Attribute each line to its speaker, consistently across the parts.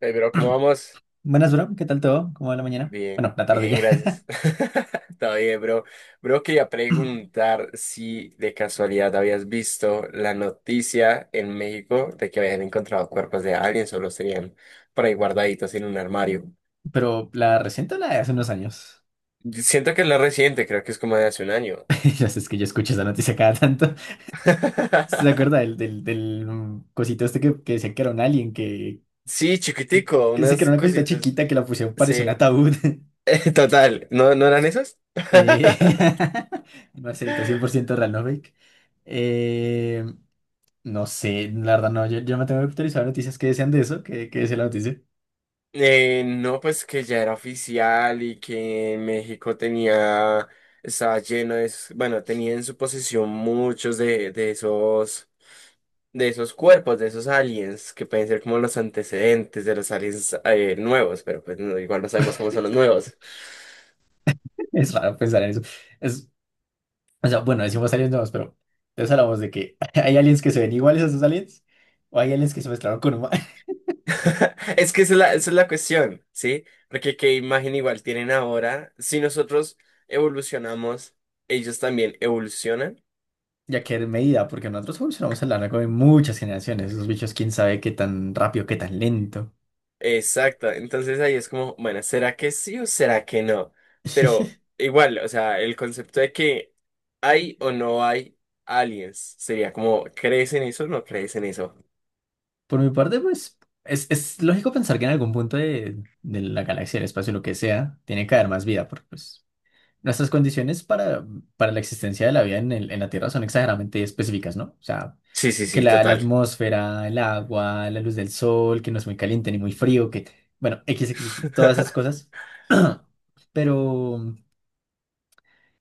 Speaker 1: Hey, bro, ¿cómo vamos?
Speaker 2: Buenas, bro. ¿Qué tal todo? ¿Cómo va la mañana?
Speaker 1: Bien,
Speaker 2: Bueno, la tarde
Speaker 1: bien,
Speaker 2: ya.
Speaker 1: gracias. Está bien, bro. Bro, quería preguntar si de casualidad habías visto la noticia en México de que habían encontrado cuerpos de aliens o los tenían por ahí guardaditos en un armario.
Speaker 2: Pero la reciente o la de hace unos años.
Speaker 1: Siento que es la reciente, creo que es como de hace un año.
Speaker 2: Ya sabes que yo escucho esa noticia cada tanto. ¿Sí? ¿Se acuerda del cosito este que decía que era un alien? Que,
Speaker 1: Sí, chiquitico,
Speaker 2: que sí, que
Speaker 1: unas
Speaker 2: era una cosita
Speaker 1: cositas.
Speaker 2: chiquita que la pusieron, parecía un
Speaker 1: Sí,
Speaker 2: ataúd.
Speaker 1: total. ¿No, no eran esas?
Speaker 2: Eh, Marcelita, 100% real, no fake. Eh, no sé, la verdad no. Yo me tengo que actualizar noticias que decían de eso, que decía la noticia.
Speaker 1: No, pues que ya era oficial y que México tenía, estaba lleno de, esos, bueno, tenía en su posesión muchos de esos, de esos cuerpos, de esos aliens, que pueden ser como los antecedentes de los aliens nuevos, pero pues no, igual no sabemos cómo son los nuevos.
Speaker 2: Es raro pensar en eso. Es, O sea, bueno, decimos aliens nuevos, pero entonces hablamos de que hay aliens que se ven iguales a esos aliens o hay aliens que se mezclaron con humanos.
Speaker 1: Es que esa es esa es la cuestión, ¿sí? Porque qué imagen igual tienen ahora, si nosotros evolucionamos, ellos también evolucionan.
Speaker 2: Ya que en medida, porque nosotros evolucionamos a lo largo de muchas generaciones. Esos bichos, quién sabe qué tan rápido, qué tan lento.
Speaker 1: Exacto, entonces ahí es como, bueno, ¿será que sí o será que no? Pero igual, o sea, el concepto de que hay o no hay aliens sería como, ¿crees en eso o no crees en eso?
Speaker 2: Por mi parte, pues es lógico pensar que en algún punto de la galaxia, el espacio, lo que sea, tiene que haber más vida porque pues nuestras condiciones para la existencia de la vida en la Tierra son exageradamente específicas, ¿no? O sea,
Speaker 1: Sí, sí,
Speaker 2: que
Speaker 1: sí,
Speaker 2: la
Speaker 1: total.
Speaker 2: atmósfera, el agua, la luz del sol, que no es muy caliente ni muy frío, que bueno, X, X, X, todas esas cosas. Pero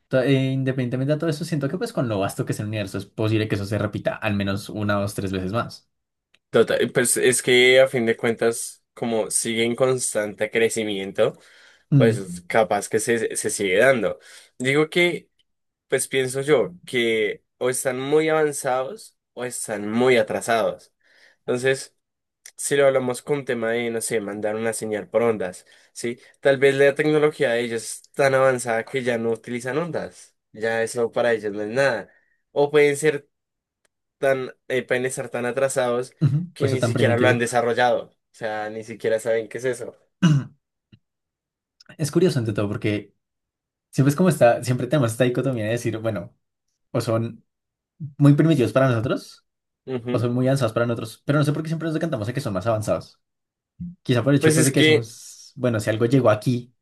Speaker 2: independientemente de todo eso, siento que pues con lo vasto que es el universo es posible que eso se repita al menos una, dos, tres veces más.
Speaker 1: Total, pues es que a fin de cuentas, como sigue en constante crecimiento,
Speaker 2: Mm,
Speaker 1: pues capaz que se sigue dando. Digo que, pues pienso yo, que o están muy avanzados o están muy atrasados. Entonces, si lo hablamos con un tema de, no sé, mandar una señal por ondas, ¿sí? Tal vez la tecnología de ellos es tan avanzada que ya no utilizan ondas, ya eso para ellos no es nada. O pueden ser tan, pueden estar tan atrasados
Speaker 2: ujú.
Speaker 1: que
Speaker 2: Pues eso
Speaker 1: ni
Speaker 2: tan
Speaker 1: siquiera lo han
Speaker 2: primitivo.
Speaker 1: desarrollado, o sea, ni siquiera saben qué es eso.
Speaker 2: Es curioso ante todo porque siempre es como está, siempre tenemos esta dicotomía de decir, bueno, o son muy primitivos para nosotros, o
Speaker 1: Ujú.
Speaker 2: son muy avanzados para nosotros, pero no sé por qué siempre nos decantamos a que son más avanzados. Quizá por el hecho
Speaker 1: Pues
Speaker 2: pues de
Speaker 1: es
Speaker 2: que
Speaker 1: que,
Speaker 2: decimos, bueno, si algo llegó aquí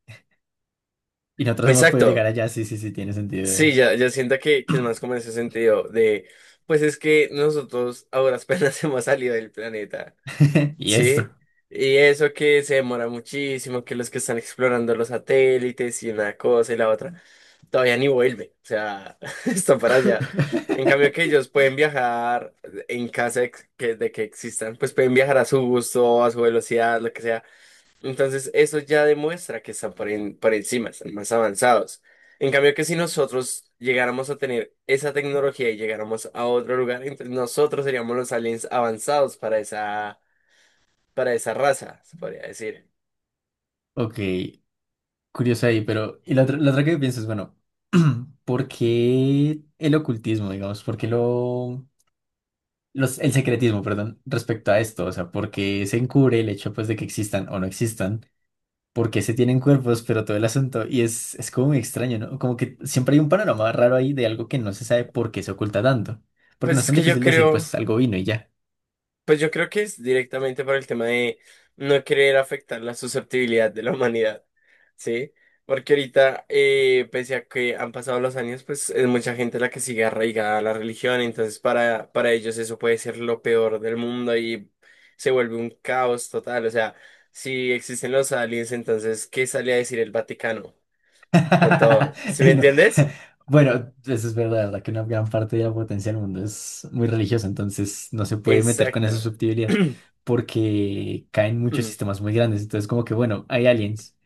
Speaker 2: y nosotros hemos podido llegar
Speaker 1: exacto,
Speaker 2: allá, sí, sí, sí, tiene sentido
Speaker 1: sí,
Speaker 2: es.
Speaker 1: ya, ya siento que es más como en ese sentido de, pues es que nosotros ahora apenas hemos salido del planeta.
Speaker 2: Y esto.
Speaker 1: Sí, y eso que se demora muchísimo, que los que están explorando los satélites y una cosa y la otra, todavía ni vuelve, o sea, está para allá. En cambio que ellos pueden viajar en caso de de que existan, pues pueden viajar a su gusto, a su velocidad, lo que sea. Entonces, eso ya demuestra que están por, en- por encima, están más avanzados. En cambio que si nosotros llegáramos a tener esa tecnología y llegáramos a otro lugar, entonces nosotros seríamos los aliens avanzados para esa raza, se podría decir.
Speaker 2: Ok, curioso ahí, pero y la otra que pienso es, bueno, ¿por qué el ocultismo, digamos? ¿Por qué el secretismo, perdón, respecto a esto? O sea, ¿por qué se encubre el hecho pues de que existan o no existan? Porque se tienen cuerpos, pero todo el asunto. Y es como muy extraño, ¿no? Como que siempre hay un panorama raro ahí de algo que no se sabe por qué se oculta tanto. Porque no
Speaker 1: Pues
Speaker 2: es
Speaker 1: es
Speaker 2: tan
Speaker 1: que yo
Speaker 2: difícil decir,
Speaker 1: creo,
Speaker 2: pues algo vino y ya.
Speaker 1: pues yo creo que es directamente por el tema de no querer afectar la susceptibilidad de la humanidad, ¿sí? Porque ahorita, pese a que han pasado los años, pues es mucha gente la que sigue arraigada a la religión, entonces para ellos eso puede ser lo peor del mundo y se vuelve un caos total, o sea, si existen los aliens, entonces, ¿qué sale a decir el Vaticano con todos? ¿Sí me
Speaker 2: No.
Speaker 1: entiendes?
Speaker 2: Bueno, eso es verdad, verdad que una gran parte de la potencia del mundo es muy religiosa, entonces no se puede meter con esa
Speaker 1: Exacta.
Speaker 2: susceptibilidad porque caen muchos sistemas muy grandes. Entonces, como que bueno, hay aliens.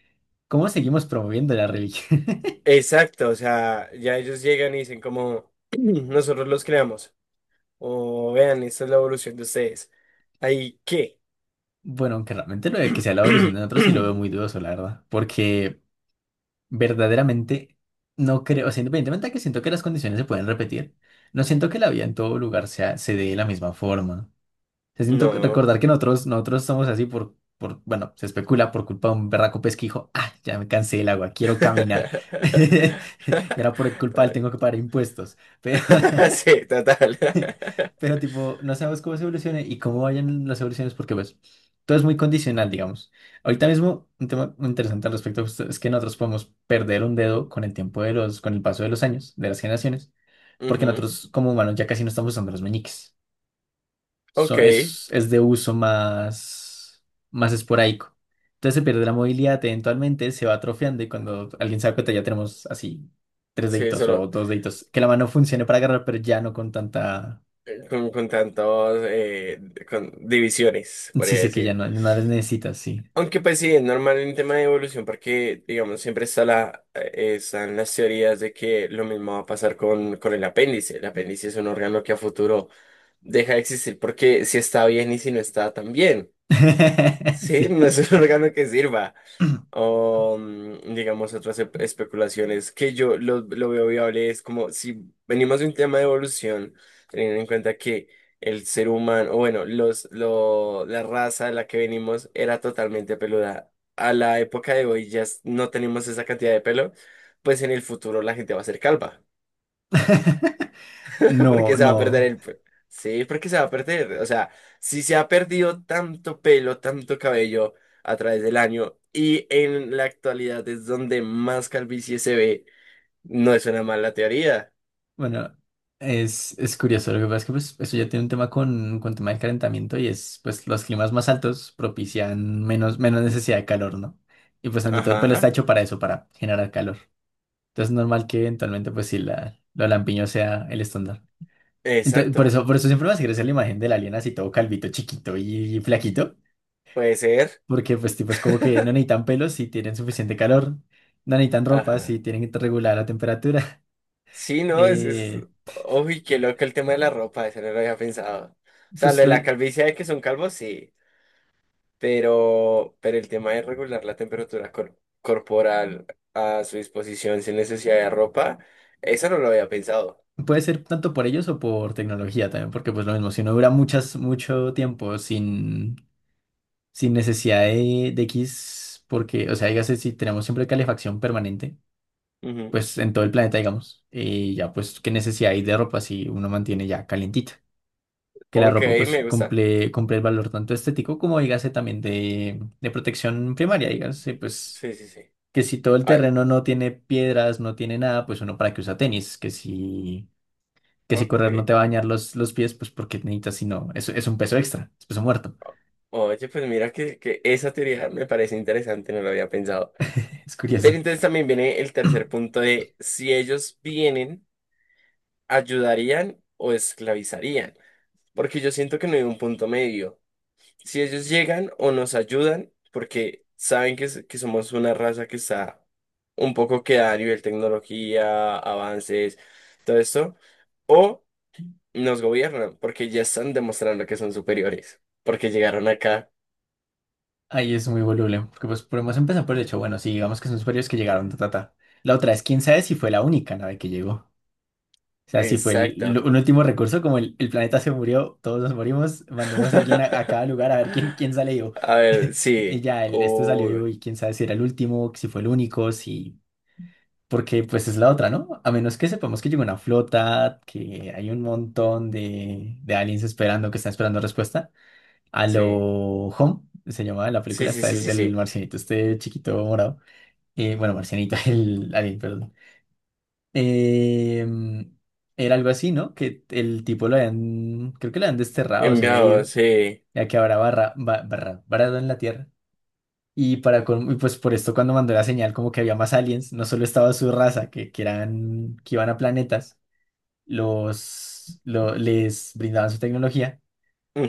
Speaker 2: ¿Cómo seguimos promoviendo la religión?
Speaker 1: Exacto, o sea, ya ellos llegan y dicen como nosotros los creamos, o vean, esta es la evolución de ustedes. ¿Ahí qué?
Speaker 2: Bueno, aunque realmente lo de que sea la evolución de nosotros sí lo veo muy dudoso, la verdad. Porque verdaderamente no creo, o sea, independientemente de que siento que las condiciones se pueden repetir, no siento que la vida en todo lugar sea, se dé de la misma forma, ¿no? O sea, siento que
Speaker 1: No.
Speaker 2: recordar que nosotros somos así por, bueno, se especula por culpa de un berraco pesquijo. Ah, ya me cansé del agua, quiero caminar. Y ahora por culpa de él tengo que pagar impuestos. Pero,
Speaker 1: Sí, total.
Speaker 2: pero tipo, no sabemos cómo se evolucione y cómo vayan las evoluciones porque pues todo es muy condicional, digamos. Ahorita mismo un tema muy interesante al respecto justo es que nosotros podemos perder un dedo con el tiempo con el paso de los años, de las generaciones, porque
Speaker 1: Ujú.
Speaker 2: nosotros como humanos ya casi no estamos usando los meñiques.
Speaker 1: Ok,
Speaker 2: Es de uso más, más esporádico. Entonces se pierde la movilidad, eventualmente se va atrofiando y cuando alguien se da cuenta ya tenemos así tres
Speaker 1: sí,
Speaker 2: deditos o
Speaker 1: solo
Speaker 2: dos deditos, que la mano funcione para agarrar, pero ya no con tanta.
Speaker 1: con tantos, con divisiones,
Speaker 2: Sí,
Speaker 1: podría
Speaker 2: sí, que ya
Speaker 1: decir.
Speaker 2: no, no las necesitas, sí.
Speaker 1: Aunque pues sí, es normal en tema de evolución porque, digamos, siempre está la, están las teorías de que lo mismo va a pasar con el apéndice. El apéndice es un órgano que a futuro deja de existir porque si está bien y si no está tan bien. Sí,
Speaker 2: Sí.
Speaker 1: no es un órgano que sirva o digamos otras espe- especulaciones que yo lo veo viable es como si venimos de un tema de evolución, teniendo en cuenta que el ser humano, o bueno, la raza de la que venimos era totalmente peluda. A la época de hoy ya s- no tenemos esa cantidad de pelo, pues en el futuro la gente va a ser calva.
Speaker 2: No,
Speaker 1: Porque se va a perder
Speaker 2: no.
Speaker 1: el pelo. Sí, porque se va a perder. O sea, si se ha perdido tanto pelo, tanto cabello a través del año y en la actualidad es donde más calvicie se ve, no es una mala teoría.
Speaker 2: Bueno, es curioso. Lo que pasa es que pues eso ya tiene un tema con tema del calentamiento y es, pues, los climas más altos propician menos, menos necesidad de calor, ¿no? Y pues, ante todo, el pelo está
Speaker 1: Ajá,
Speaker 2: hecho para eso, para generar calor. Entonces, es normal que eventualmente, pues, sí, lo lampiño sea el estándar. Entonces,
Speaker 1: exacto.
Speaker 2: por eso siempre me hace gracia la imagen del alien así todo calvito, chiquito y flaquito.
Speaker 1: Puede ser.
Speaker 2: Porque pues tipo es como que no necesitan pelos si tienen suficiente calor, no necesitan ropa si
Speaker 1: Ajá.
Speaker 2: tienen regulada la temperatura.
Speaker 1: Sí, no, es...
Speaker 2: Eh,
Speaker 1: Uy, qué loco el tema de la ropa, eso no lo había pensado. O sea, lo
Speaker 2: pues
Speaker 1: de la calvicie de que son calvos, sí. Pero el tema es regular la temperatura cor- corporal a su disposición sin necesidad de ropa, eso no lo había pensado.
Speaker 2: puede ser tanto por ellos o por tecnología también, porque pues lo mismo, si uno dura mucho tiempo sin, sin necesidad de X, porque, o sea, dígase, si tenemos siempre calefacción permanente,
Speaker 1: Ujú.
Speaker 2: pues en todo el planeta, digamos, y ya pues qué necesidad hay de ropa si uno mantiene ya calientita. Que la
Speaker 1: Ok,
Speaker 2: ropa pues
Speaker 1: me gusta.
Speaker 2: cumple, cumple el valor tanto estético como dígase también de protección primaria, dígase pues
Speaker 1: Sí, sí, sí.
Speaker 2: que si todo el
Speaker 1: Ay,
Speaker 2: terreno no tiene piedras, no tiene nada, pues uno para qué usa tenis, que si
Speaker 1: ok.
Speaker 2: correr no te va a dañar los pies, pues porque necesitas, si no, es un peso extra, es peso muerto.
Speaker 1: Oye, pues mira que esa teoría me parece interesante, no lo había pensado.
Speaker 2: Es
Speaker 1: Pero
Speaker 2: curioso.
Speaker 1: entonces también viene el tercer punto de si ellos vienen, ayudarían o esclavizarían. Porque yo siento que no hay un punto medio. Si ellos llegan o nos ayudan, porque saben que, s- que somos una raza que está un poco queda a nivel tecnología, avances, todo esto, o nos gobiernan, porque ya están demostrando que son superiores, porque llegaron acá.
Speaker 2: Ahí es muy voluble, porque pues podemos empezar por el hecho, bueno, si digamos que son superiores que llegaron, ta, ta, ta. La otra es, quién sabe si fue la única nave que llegó. O sea, si fue
Speaker 1: Exacto.
Speaker 2: un último recurso, como el planeta se murió, todos nos morimos, mandemos a alguien a cada lugar a ver quién, quién sale vivo.
Speaker 1: A ver,
Speaker 2: Y
Speaker 1: sí.
Speaker 2: ya, este salió
Speaker 1: Uy,
Speaker 2: vivo y quién sabe si era el último, si fue el único, si... Porque pues es la otra, ¿no? A menos que sepamos que llegó una flota, que hay un montón de aliens esperando, que están esperando respuesta a lo
Speaker 1: sí.
Speaker 2: Home, se llamaba la película,
Speaker 1: Sí, sí,
Speaker 2: está
Speaker 1: sí,
Speaker 2: el
Speaker 1: sí,
Speaker 2: del
Speaker 1: sí.
Speaker 2: marcianito, este chiquito morado. Bueno, marcianito, el alien, perdón. Eh, era algo así, ¿no? Que el tipo lo habían, creo que lo habían desterrado, se había
Speaker 1: Enviado,
Speaker 2: ido,
Speaker 1: sí.
Speaker 2: ya que habrá barra, varado en la Tierra. Y, y pues por esto cuando mandó la señal como que había más aliens, no solo estaba su raza, que eran, que iban a planetas, les brindaban su tecnología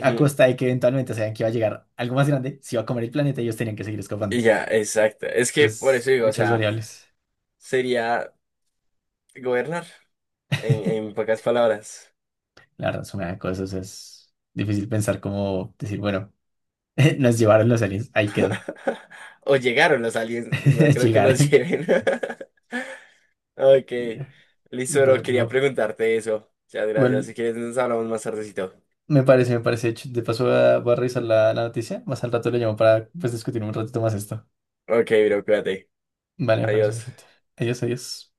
Speaker 2: a costa de que eventualmente sabían que iba a llegar algo más grande, se iba a comer el planeta y ellos tenían que seguir escapando.
Speaker 1: Y ya, exacto. Es que por
Speaker 2: Entonces,
Speaker 1: eso digo, o
Speaker 2: muchas
Speaker 1: sea,
Speaker 2: variables.
Speaker 1: sería gobernar, en pocas palabras.
Speaker 2: La verdad, suma de cosas es difícil pensar cómo decir, bueno, nos llevaron los aliens, ahí quedó.
Speaker 1: O llegaron los aliens, no creo que nos
Speaker 2: Llegaron.
Speaker 1: lleven. Ok,
Speaker 2: Yeah.
Speaker 1: listo, bro,
Speaker 2: Ve-
Speaker 1: quería
Speaker 2: bu-
Speaker 1: preguntarte eso. Muchas gracias. Si
Speaker 2: Igual,
Speaker 1: quieres, nos hablamos más tardecito.
Speaker 2: me parece, me parece. De hecho, de paso, voy a, voy a revisar la, la noticia. Más al rato le llamo para pues, discutir un ratito más esto.
Speaker 1: Ok, bro, cuídate.
Speaker 2: Vale, me parece
Speaker 1: Adiós.
Speaker 2: perfecto. Adiós, adiós.